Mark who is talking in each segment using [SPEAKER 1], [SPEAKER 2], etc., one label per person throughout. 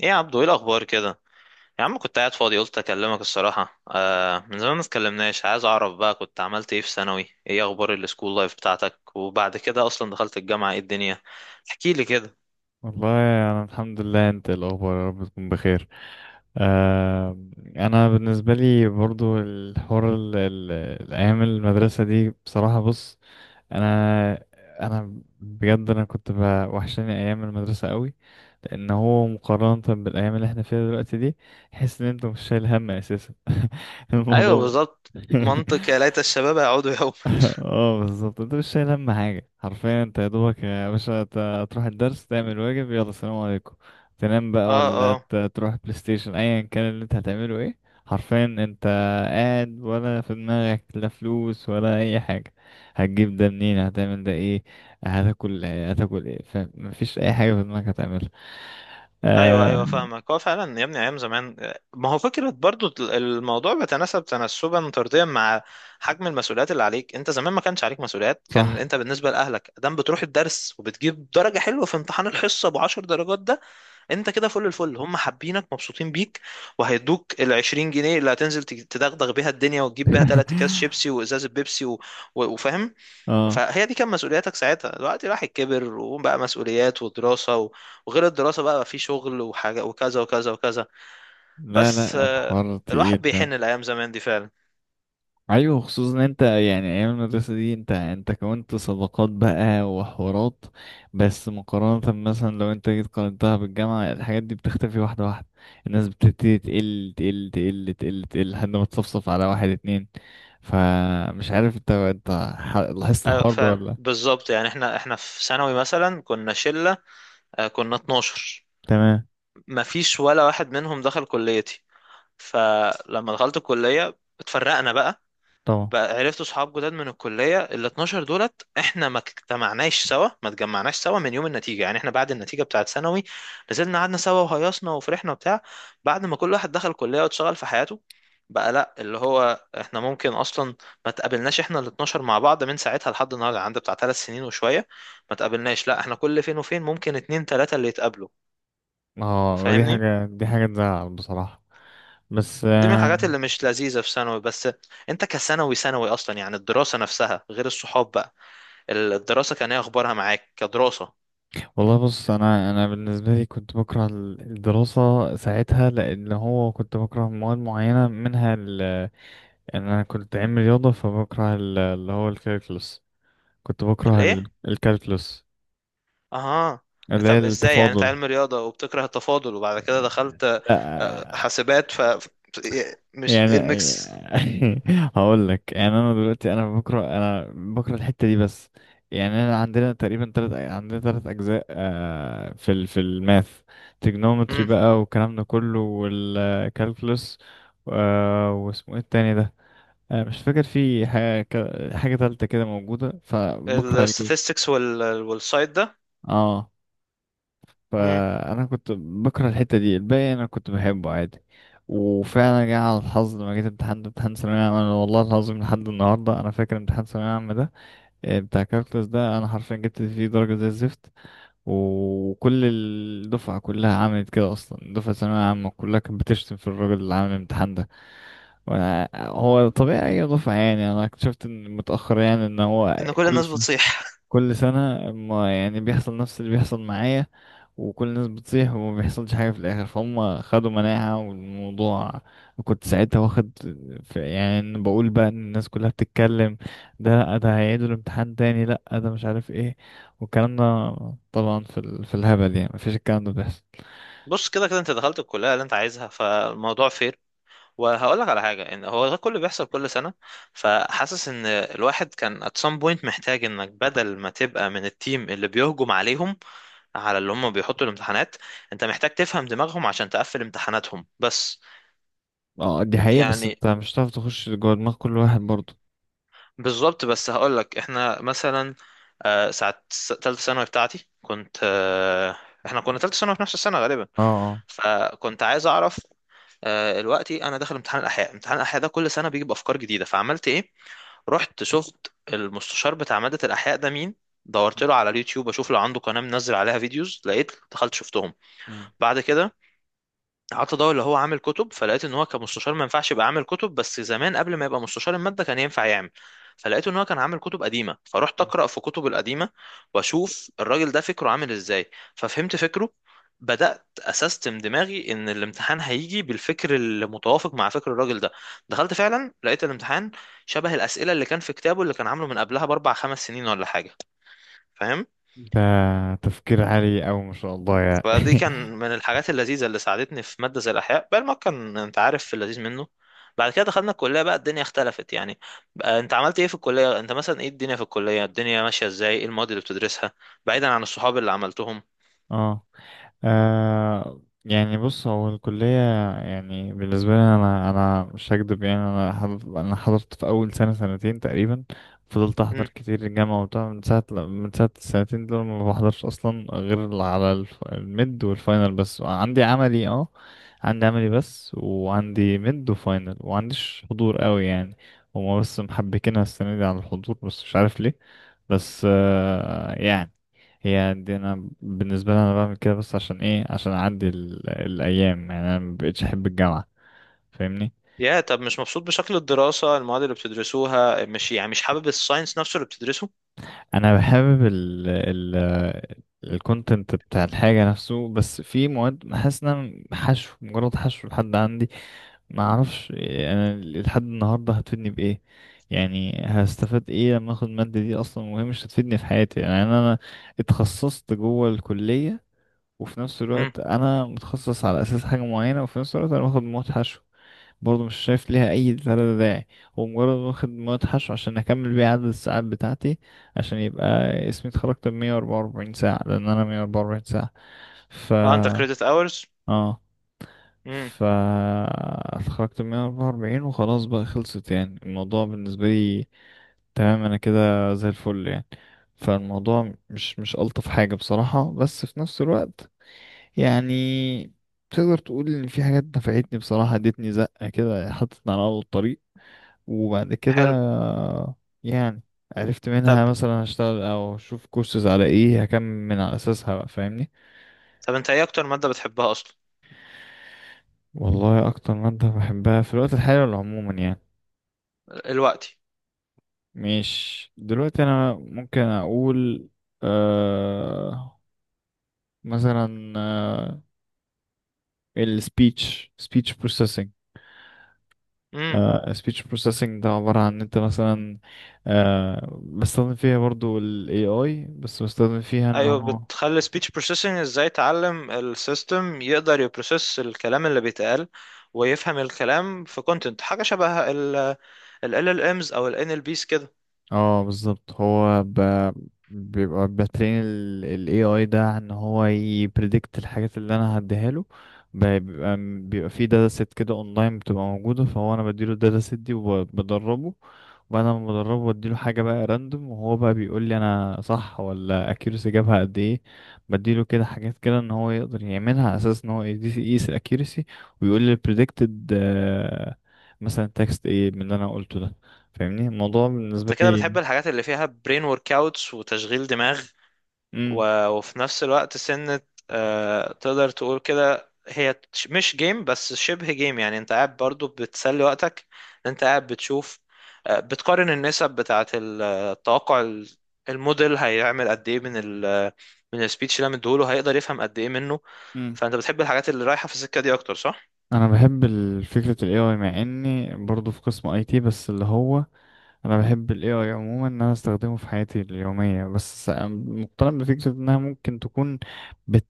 [SPEAKER 1] ايه يا عبدو؟ ايه الاخبار كده؟ يا عم كنت قاعد فاضي قلت اكلمك الصراحه، من زمان ما اتكلمناش، عايز اعرف بقى كنت عملت ايه في ثانوي، ايه اخبار السكول لايف بتاعتك؟ وبعد كده اصلا دخلت الجامعه، ايه الدنيا؟ احكي لي كده.
[SPEAKER 2] والله أنا الحمد لله. أنت إيه الأخبار؟ يا رب تكون بخير. آه، أنا بالنسبة لي برضو الحوار الأيام المدرسة دي بصراحة، بص، أنا أنا بجد وحشاني أيام المدرسة قوي، لأن هو مقارنة بالأيام اللي احنا فيها دلوقتي دي، تحس إن أنت مش شايل هم أساسا.
[SPEAKER 1] ايوه
[SPEAKER 2] الموضوع
[SPEAKER 1] بالظبط. منطق يا ليت الشباب يعودوا يوما.
[SPEAKER 2] اه، بالظبط، انت مش شايل هم حاجة حرفيا، انت يا دوبك يا باشا تروح الدرس، تعمل واجب، يلا سلام عليكم، تنام بقى، ولا
[SPEAKER 1] اه
[SPEAKER 2] تروح بلاي ستيشن، ايا كان اللي انت هتعمله ايه. حرفيا انت قاعد ولا في دماغك لا فلوس ولا اي حاجة، هتجيب ده منين؟ هتعمل ده ايه؟ هتاكل ايه؟ هتاكل ايه؟ فمفيش اي حاجة في دماغك هتعملها.
[SPEAKER 1] ايوه ايوه
[SPEAKER 2] آه
[SPEAKER 1] فاهمك. هو فعلا يا ابني ايام زمان ما هو فكره برضو الموضوع بيتناسب تناسبا طرديا مع حجم المسؤوليات اللي عليك. انت زمان ما كانش عليك مسؤوليات، كان
[SPEAKER 2] صح.
[SPEAKER 1] انت بالنسبه لاهلك دام بتروح الدرس وبتجيب درجه حلوه في امتحان الحصه ابو 10 درجات ده، انت كده فل الفل، هم حابينك مبسوطين بيك، وهيدوك ال 20 جنيه اللي هتنزل تدغدغ بيها الدنيا وتجيب بيها ثلاث اكياس شيبسي وازازه بيبسي وفاهم.
[SPEAKER 2] اه.
[SPEAKER 1] فهي دي كان مسؤولياتك ساعتها. دلوقتي الواحد كبر وبقى مسؤوليات ودراسة، وغير الدراسة بقى، في شغل وحاجة وكذا وكذا وكذا.
[SPEAKER 2] لا
[SPEAKER 1] بس
[SPEAKER 2] لا، الحوار
[SPEAKER 1] الواحد
[SPEAKER 2] تقيل.
[SPEAKER 1] بيحن الأيام زمان دي فعلا.
[SPEAKER 2] ايوه، خصوصا ان انت يعني ايام المدرسه دي انت كونت صداقات بقى وحوارات، بس مقارنه مثلا لو انت جيت قارنتها بالجامعه، الحاجات دي بتختفي واحده واحده، الناس بتبتدي تقل تقل تقل تقل تقل لحد ما تصفصف على واحد اتنين. فمش عارف انت، لاحظت
[SPEAKER 1] أيوة
[SPEAKER 2] الحوار ده
[SPEAKER 1] فعلا
[SPEAKER 2] ولا لأ؟
[SPEAKER 1] بالظبط، يعني احنا في ثانوي مثلا كنا شلة، كنا 12.
[SPEAKER 2] تمام.
[SPEAKER 1] مفيش ولا واحد منهم دخل كليتي، فلما دخلت الكلية اتفرقنا بقى.
[SPEAKER 2] طبعا.
[SPEAKER 1] بقى عرفت صحاب جداد من الكلية. ال 12 دولت احنا ما اجتمعناش سوا، ما اتجمعناش سوا من يوم النتيجة. يعني احنا بعد النتيجة بتاعة ثانوي نزلنا قعدنا سوا وهيصنا وفرحنا وبتاع، بعد ما كل واحد دخل كلية واتشغل في حياته بقى لا، اللي هو احنا ممكن اصلا ما تقابلناش احنا ال 12 مع بعض من ساعتها لحد النهارده. عندي بتاع ثلاث سنين وشوية ما تقابلناش لا، احنا كل فين وفين ممكن اتنين تلاتة اللي يتقابلوا.
[SPEAKER 2] اه ودي
[SPEAKER 1] فاهمني؟
[SPEAKER 2] حاجه، دي حاجه تزعل بصراحه، بس
[SPEAKER 1] دي من الحاجات اللي مش لذيذة في ثانوي، بس انت كثانوي ثانوي اصلا يعني الدراسة نفسها غير الصحاب بقى. الدراسة كان ايه اخبارها معاك كدراسة؟
[SPEAKER 2] والله بص، انا بالنسبه لي كنت بكره الدراسه ساعتها، لان هو كنت بكره مواد معينه منها، ال ان انا كنت علم رياضه فبكره اللي هو الكالكولس، كنت بكره
[SPEAKER 1] الايه؟
[SPEAKER 2] الكالكولس
[SPEAKER 1] اها.
[SPEAKER 2] اللي هي
[SPEAKER 1] طب ازاي يعني انت
[SPEAKER 2] التفاضل.
[SPEAKER 1] علم رياضة وبتكره التفاضل وبعد كده دخلت
[SPEAKER 2] لا،
[SPEAKER 1] حاسبات؟ إيه، مش ايه
[SPEAKER 2] يعني
[SPEAKER 1] الميكس؟
[SPEAKER 2] هقول لك يعني انا دلوقتي بكره، بكره الحته دي بس. يعني انا عندنا تقريبا تلت اجزاء، آه، في في الماث، تريجنومتري
[SPEAKER 1] امم.
[SPEAKER 2] بقى والكلام ده كله والكالكولس، واسمه ايه التاني ده، آه، مش فاكر في حاجه، حاجه تالته كده موجوده، فبكره الجزء.
[SPEAKER 1] الستاتستكس وال والسايد ده.
[SPEAKER 2] اه.
[SPEAKER 1] امم.
[SPEAKER 2] فانا كنت بكره الحته دي، الباقي انا كنت بحبه عادي. وفعلا جه على الحظ لما جيت امتحان، ثانوية عامة، أنا والله العظيم لحد النهاردة أنا فاكر امتحان ثانوية عامة ده، آه، بتاع كالكولس ده، أنا حرفيا جبت فيه درجة زي الزفت، وكل الدفعة كلها عملت كده، أصلا دفعة ثانوية عامة كلها كانت بتشتم في الراجل اللي عامل الامتحان ده. وأنا هو طبيعي أي دفعة، يعني أنا اكتشفت إن متأخر، يعني إن هو
[SPEAKER 1] ان كل
[SPEAKER 2] كل
[SPEAKER 1] الناس
[SPEAKER 2] سنة،
[SPEAKER 1] بتصيح.
[SPEAKER 2] كل سنة ما يعني بيحصل نفس اللي بيحصل معايا، وكل الناس بتطيح وما بيحصلش حاجة في الآخر، فهم خدوا مناعة والموضوع. كنت ساعتها واخد في، يعني إن بقول بقى إن الناس كلها بتتكلم، ده لأ ده هيعيدوا الامتحان تاني، لأ ده مش عارف ايه، والكلام ده طبعا في الهبل، يعني مفيش الكلام ده بيحصل.
[SPEAKER 1] بص كده كده انت دخلت الكلية اللي انت عايزها فالموضوع فير. وهقول لك على حاجة، ان هو ده كله بيحصل كل سنة، فحاسس ان الواحد كان at some point محتاج انك بدل ما تبقى من التيم اللي بيهجم عليهم، على اللي هم بيحطوا الامتحانات، انت محتاج تفهم دماغهم عشان تقفل امتحاناتهم بس.
[SPEAKER 2] اه دي حقيقة، بس
[SPEAKER 1] يعني
[SPEAKER 2] انت مش هتعرف تخش جوه دماغ كل واحد برضه.
[SPEAKER 1] بالظبط. بس هقولك احنا مثلا، تالتة ثانوي بتاعتي كنت احنا كنا تالتة ثانوي في نفس السنة غالبا.
[SPEAKER 2] اه اه.
[SPEAKER 1] فكنت عايز اعرف، دلوقتي انا داخل امتحان الاحياء، امتحان الاحياء ده كل سنة بيجيب افكار جديدة، فعملت ايه؟ رحت شفت المستشار بتاع مادة الاحياء ده مين، دورت له على اليوتيوب اشوف لو عنده قناة منزل عليها فيديوز، لقيت دخلت شفتهم.
[SPEAKER 2] مم.
[SPEAKER 1] بعد كده قعدت ادور اللي هو عامل كتب، فلقيت ان هو كمستشار ما ينفعش يبقى عامل كتب، بس زمان قبل ما يبقى مستشار المادة كان ينفع يعمل، فلقيت ان هو كان عامل كتب قديمة، فرحت اقرا في كتب القديمة واشوف الراجل ده فكره عامل ازاي، ففهمت فكره. بدأت أسستم دماغي إن الامتحان هيجي بالفكر المتوافق مع فكر الراجل ده. دخلت فعلا لقيت الامتحان شبه الأسئلة اللي كان في كتابه اللي كان عامله من قبلها بأربع خمس سنين ولا حاجة. فاهم؟
[SPEAKER 2] ده تفكير عالي أوي ما شاء الله
[SPEAKER 1] فدي
[SPEAKER 2] يعني.
[SPEAKER 1] كان من الحاجات اللذيذة اللي ساعدتني في مادة زي الأحياء. بقى المواد كان أنت عارف في اللذيذ منه. بعد كده دخلنا الكلية بقى الدنيا اختلفت يعني. بقى أنت عملت إيه في الكلية؟ أنت مثلا إيه الدنيا في الكلية؟ الدنيا ماشية إزاي؟ إيه المواد اللي بتدرسها بعيدا عن الصحاب اللي عملتهم؟
[SPEAKER 2] اه. آه يعني بص، هو الكلية يعني بالنسبة لي، أنا مش هكدب، يعني أنا حضرت، أنا حضرت في أول سنة سنتين تقريبا، فضلت أحضر
[SPEAKER 1] امم.
[SPEAKER 2] كتير الجامعة وبتاع، من ساعة السنتين دول ما بحضرش أصلا غير على الميد والفاينل بس، عندي عملي. اه عندي عملي بس وعندي ميد وفاينل ومعنديش حضور قوي يعني، هما بس محبكينها السنة دي على الحضور بس مش عارف ليه. بس آه يعني، هي دي انا بالنسبه لي انا بعمل كده، بس عشان ايه؟ عشان اعدي الايام، يعني انا مبقتش احب الجامعه، فاهمني.
[SPEAKER 1] يا طب مش مبسوط بشكل الدراسة، المواد اللي بتدرسوها مش يعني، مش حابب الساينس نفسه اللي بتدرسه؟
[SPEAKER 2] انا بحابب ال الكونتنت بتاع الحاجه نفسه، بس في مواد حاسس ان انا حشو مجرد حشو لحد عندي، ما اعرفش انا لحد النهارده هتفيدني بايه، يعني هستفاد ايه لما اخد الماده دي، اصلا وهي مش هتفيدني في حياتي. يعني أنا اتخصصت جوه الكليه، وفي نفس
[SPEAKER 1] امم.
[SPEAKER 2] الوقت انا متخصص على اساس حاجه معينه، وفي نفس الوقت انا باخد مواد حشو برضه مش شايف ليها أي تلاتة داعي، هو مجرد واخد مدحش عشان أكمل بيه عدد الساعات بتاعتي، عشان يبقى اسمي اتخرجت بمية وأربعة وأربعين ساعة، لأن أنا مية وأربعة وأربعين ساعة. ف
[SPEAKER 1] اه أنت كريدت أورز.
[SPEAKER 2] اه
[SPEAKER 1] امم.
[SPEAKER 2] ف اتخرجت بمية وأربعة وأربعين وخلاص بقى، خلصت يعني الموضوع بالنسبة لي تمام، أنا كده زي الفل يعني. فالموضوع مش ألطف حاجة بصراحة، بس في نفس الوقت يعني تقدر تقول ان في حاجات نفعتني بصراحة، ادتني زقة كده، حطتني على اول الطريق، وبعد كده
[SPEAKER 1] حلو.
[SPEAKER 2] يعني عرفت منها
[SPEAKER 1] طب
[SPEAKER 2] مثلا هشتغل او اشوف كورسز على ايه هكمل من على اساسها بقى، فاهمني.
[SPEAKER 1] طب أنت إيه أكتر مادة بتحبها أصلا؟
[SPEAKER 2] والله اكتر مادة بحبها في الوقت الحالي ولا عموما يعني؟
[SPEAKER 1] الوقت.
[SPEAKER 2] مش دلوقتي انا ممكن اقول، آه، مثلا، آه، سبيتش بروسيسنج،
[SPEAKER 1] امم.
[SPEAKER 2] سبيتش بروسيسنج ده عبارة عن ان انت مثلا، آه، بستخدم فيها برضو ال AI، بس بستخدم فيها ان
[SPEAKER 1] ايوه،
[SPEAKER 2] هو،
[SPEAKER 1] بتخلي speech processing ازاي يتعلم السيستم، يقدر يبروسيس الكلام اللي بيتقال ويفهم الكلام في content. حاجه شبه ال LLMs او ال NLPs كده.
[SPEAKER 2] اه بالظبط، هو بيبقى بترين ال AI ده ان هو يبريدكت الحاجات اللي انا هديها له، بيبقى في داتا سيت كده اونلاين بتبقى موجودة، فهو انا بديله الداتا سيت دي وبدربه، وبعد ما بدربه بديله حاجة بقى راندوم، وهو بقى بيقول لي انا صح ولا accuracy جابها قد ايه، بديله كده حاجات كده ان هو يقدر يعملها على اساس ان هو يقيس، يقيس ال accuracy ويقول لي predicted، آه، مثلا تكست ايه من اللي انا قلته ده، فاهمني الموضوع
[SPEAKER 1] انت
[SPEAKER 2] بالنسبة
[SPEAKER 1] كده
[SPEAKER 2] لي.
[SPEAKER 1] بتحب الحاجات اللي فيها brain workouts وتشغيل دماغ
[SPEAKER 2] امم
[SPEAKER 1] وفي نفس الوقت سنة، تقدر تقول كده هي مش جيم بس شبه جيم، يعني انت قاعد برضو بتسلي وقتك. انت قاعد بتشوف، بتقارن النسب بتاعة التوقع، الموديل هيعمل قد ايه من ال، من السبيتش اللي انا مديهوله هيقدر يفهم قد ايه منه.
[SPEAKER 2] امم
[SPEAKER 1] فانت بتحب الحاجات اللي رايحة في السكة دي اكتر صح؟
[SPEAKER 2] انا بحب فكره ال AI، مع اني برضو في قسم IT، بس اللي هو انا بحب ال AI عموما ان انا استخدمه في حياتي اليوميه، بس مقتنع بفكره انها ممكن تكون بت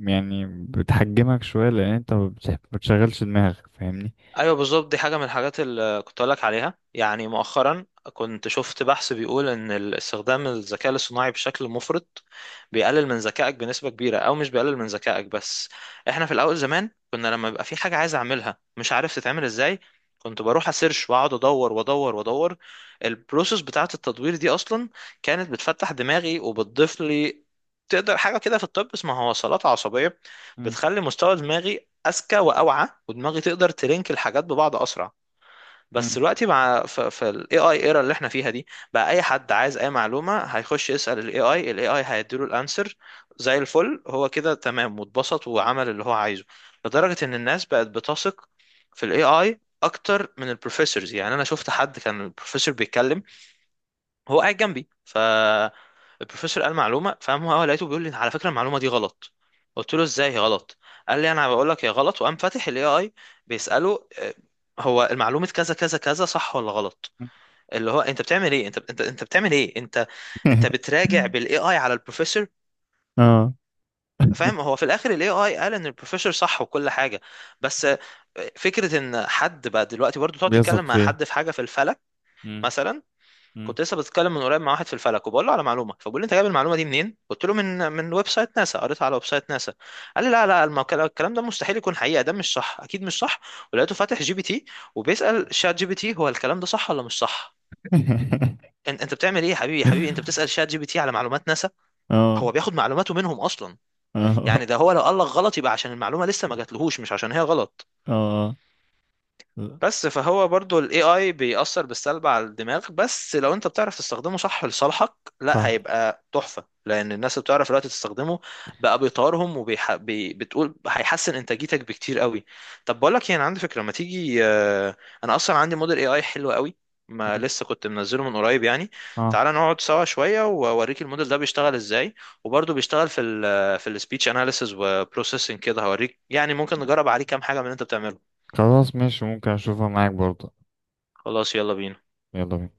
[SPEAKER 2] يعني بتحجمك شويه، لان انت ما بتشغلش دماغك، فاهمني.
[SPEAKER 1] ايوه بالظبط. دي حاجه من الحاجات اللي كنت اقولك عليها، يعني مؤخرا كنت شفت بحث بيقول ان استخدام الذكاء الاصطناعي بشكل مفرط بيقلل من ذكائك بنسبه كبيره، او مش بيقلل من ذكائك بس. احنا في الاول زمان كنا لما يبقى في حاجه عايز اعملها مش عارف تتعمل ازاي، كنت بروح اسيرش واقعد ادور وادور وادور. البروسيس بتاعه التدوير دي اصلا كانت بتفتح دماغي وبتضيف لي، تقدر حاجه كده في الطب اسمها وصلات عصبيه،
[SPEAKER 2] امم
[SPEAKER 1] بتخلي مستوى دماغي اذكى واوعى، ودماغي تقدر تلينك الحاجات ببعض اسرع. بس
[SPEAKER 2] امم
[SPEAKER 1] دلوقتي مع في الاي اي ايرا اللي احنا فيها دي، بقى اي حد عايز اي معلومه هيخش يسال الاي اي، الاي اي هيديله الانسر زي الفل، هو كده تمام واتبسط وعمل اللي هو عايزه. لدرجه ان الناس بقت بتثق في الاي اي اكتر من البروفيسورز. يعني انا شفت حد كان البروفيسور بيتكلم هو قاعد جنبي، فالبروفيسور قال معلومه، فقام هو لقيته بيقول لي على فكره المعلومه دي غلط، قلت له ازاي هي غلط؟ قال لي انا بقول لك هي غلط، وقام فاتح الاي اي بيساله، هو المعلومه كذا كذا كذا صح ولا غلط. اللي هو انت بتعمل ايه؟ انت بتعمل ايه انت؟ انت بتراجع بالاي اي على البروفيسور.
[SPEAKER 2] اه
[SPEAKER 1] فاهم؟ هو في الاخر الاي اي قال ان البروفيسور صح وكل حاجه، بس فكره ان حد بقى دلوقتي برضه تقعد تتكلم
[SPEAKER 2] بيثق
[SPEAKER 1] مع
[SPEAKER 2] فيه.
[SPEAKER 1] حد في حاجه في الفلك
[SPEAKER 2] امم
[SPEAKER 1] مثلا.
[SPEAKER 2] امم
[SPEAKER 1] كنت لسه بتكلم من قريب مع واحد في الفلك، وبقول له على معلومه، فبقول لي انت جايب المعلومه دي منين؟ قلت له من ويب سايت ناسا، قريتها على ويب سايت ناسا. قال لي لا لا الكلام ده مستحيل يكون حقيقه، ده مش صح اكيد مش صح. ولقيته فاتح جي بي تي وبيسال شات جي بي تي هو الكلام ده صح ولا مش صح. انت بتعمل ايه يا حبيبي؟ يا حبيبي انت بتسال شات جي بي تي على معلومات ناسا؟
[SPEAKER 2] اه
[SPEAKER 1] هو بياخد معلوماته منهم اصلا.
[SPEAKER 2] اه
[SPEAKER 1] يعني ده هو لو قال لك غلط يبقى عشان المعلومه لسه ما جاتلهوش، مش عشان هي غلط.
[SPEAKER 2] اه
[SPEAKER 1] بس فهو برضو ال AI بيأثر بالسلب على الدماغ، بس لو انت بتعرف تستخدمه صح لصالحك لا
[SPEAKER 2] صح.
[SPEAKER 1] هيبقى تحفة. لأن الناس اللي بتعرف دلوقتي تستخدمه بقى بيطورهم، بتقول هيحسن إنتاجيتك بكتير قوي. طب بقول لك ايه، انا عندي فكرة، ما تيجي انا اصلا عندي موديل AI حلو قوي ما
[SPEAKER 2] امم
[SPEAKER 1] لسه كنت منزله من قريب يعني،
[SPEAKER 2] اه.
[SPEAKER 1] تعالى نقعد سوا شوية واوريك الموديل ده بيشتغل ازاي، وبرضه بيشتغل في في السبيتش اناليسز وبروسيسنج كده، هوريك يعني ممكن نجرب عليه كام حاجة من اللي انت بتعمله.
[SPEAKER 2] خلاص ماشي، ممكن اشوفها معاك برضه.
[SPEAKER 1] خلاص يلا بينا.
[SPEAKER 2] يلا بينا.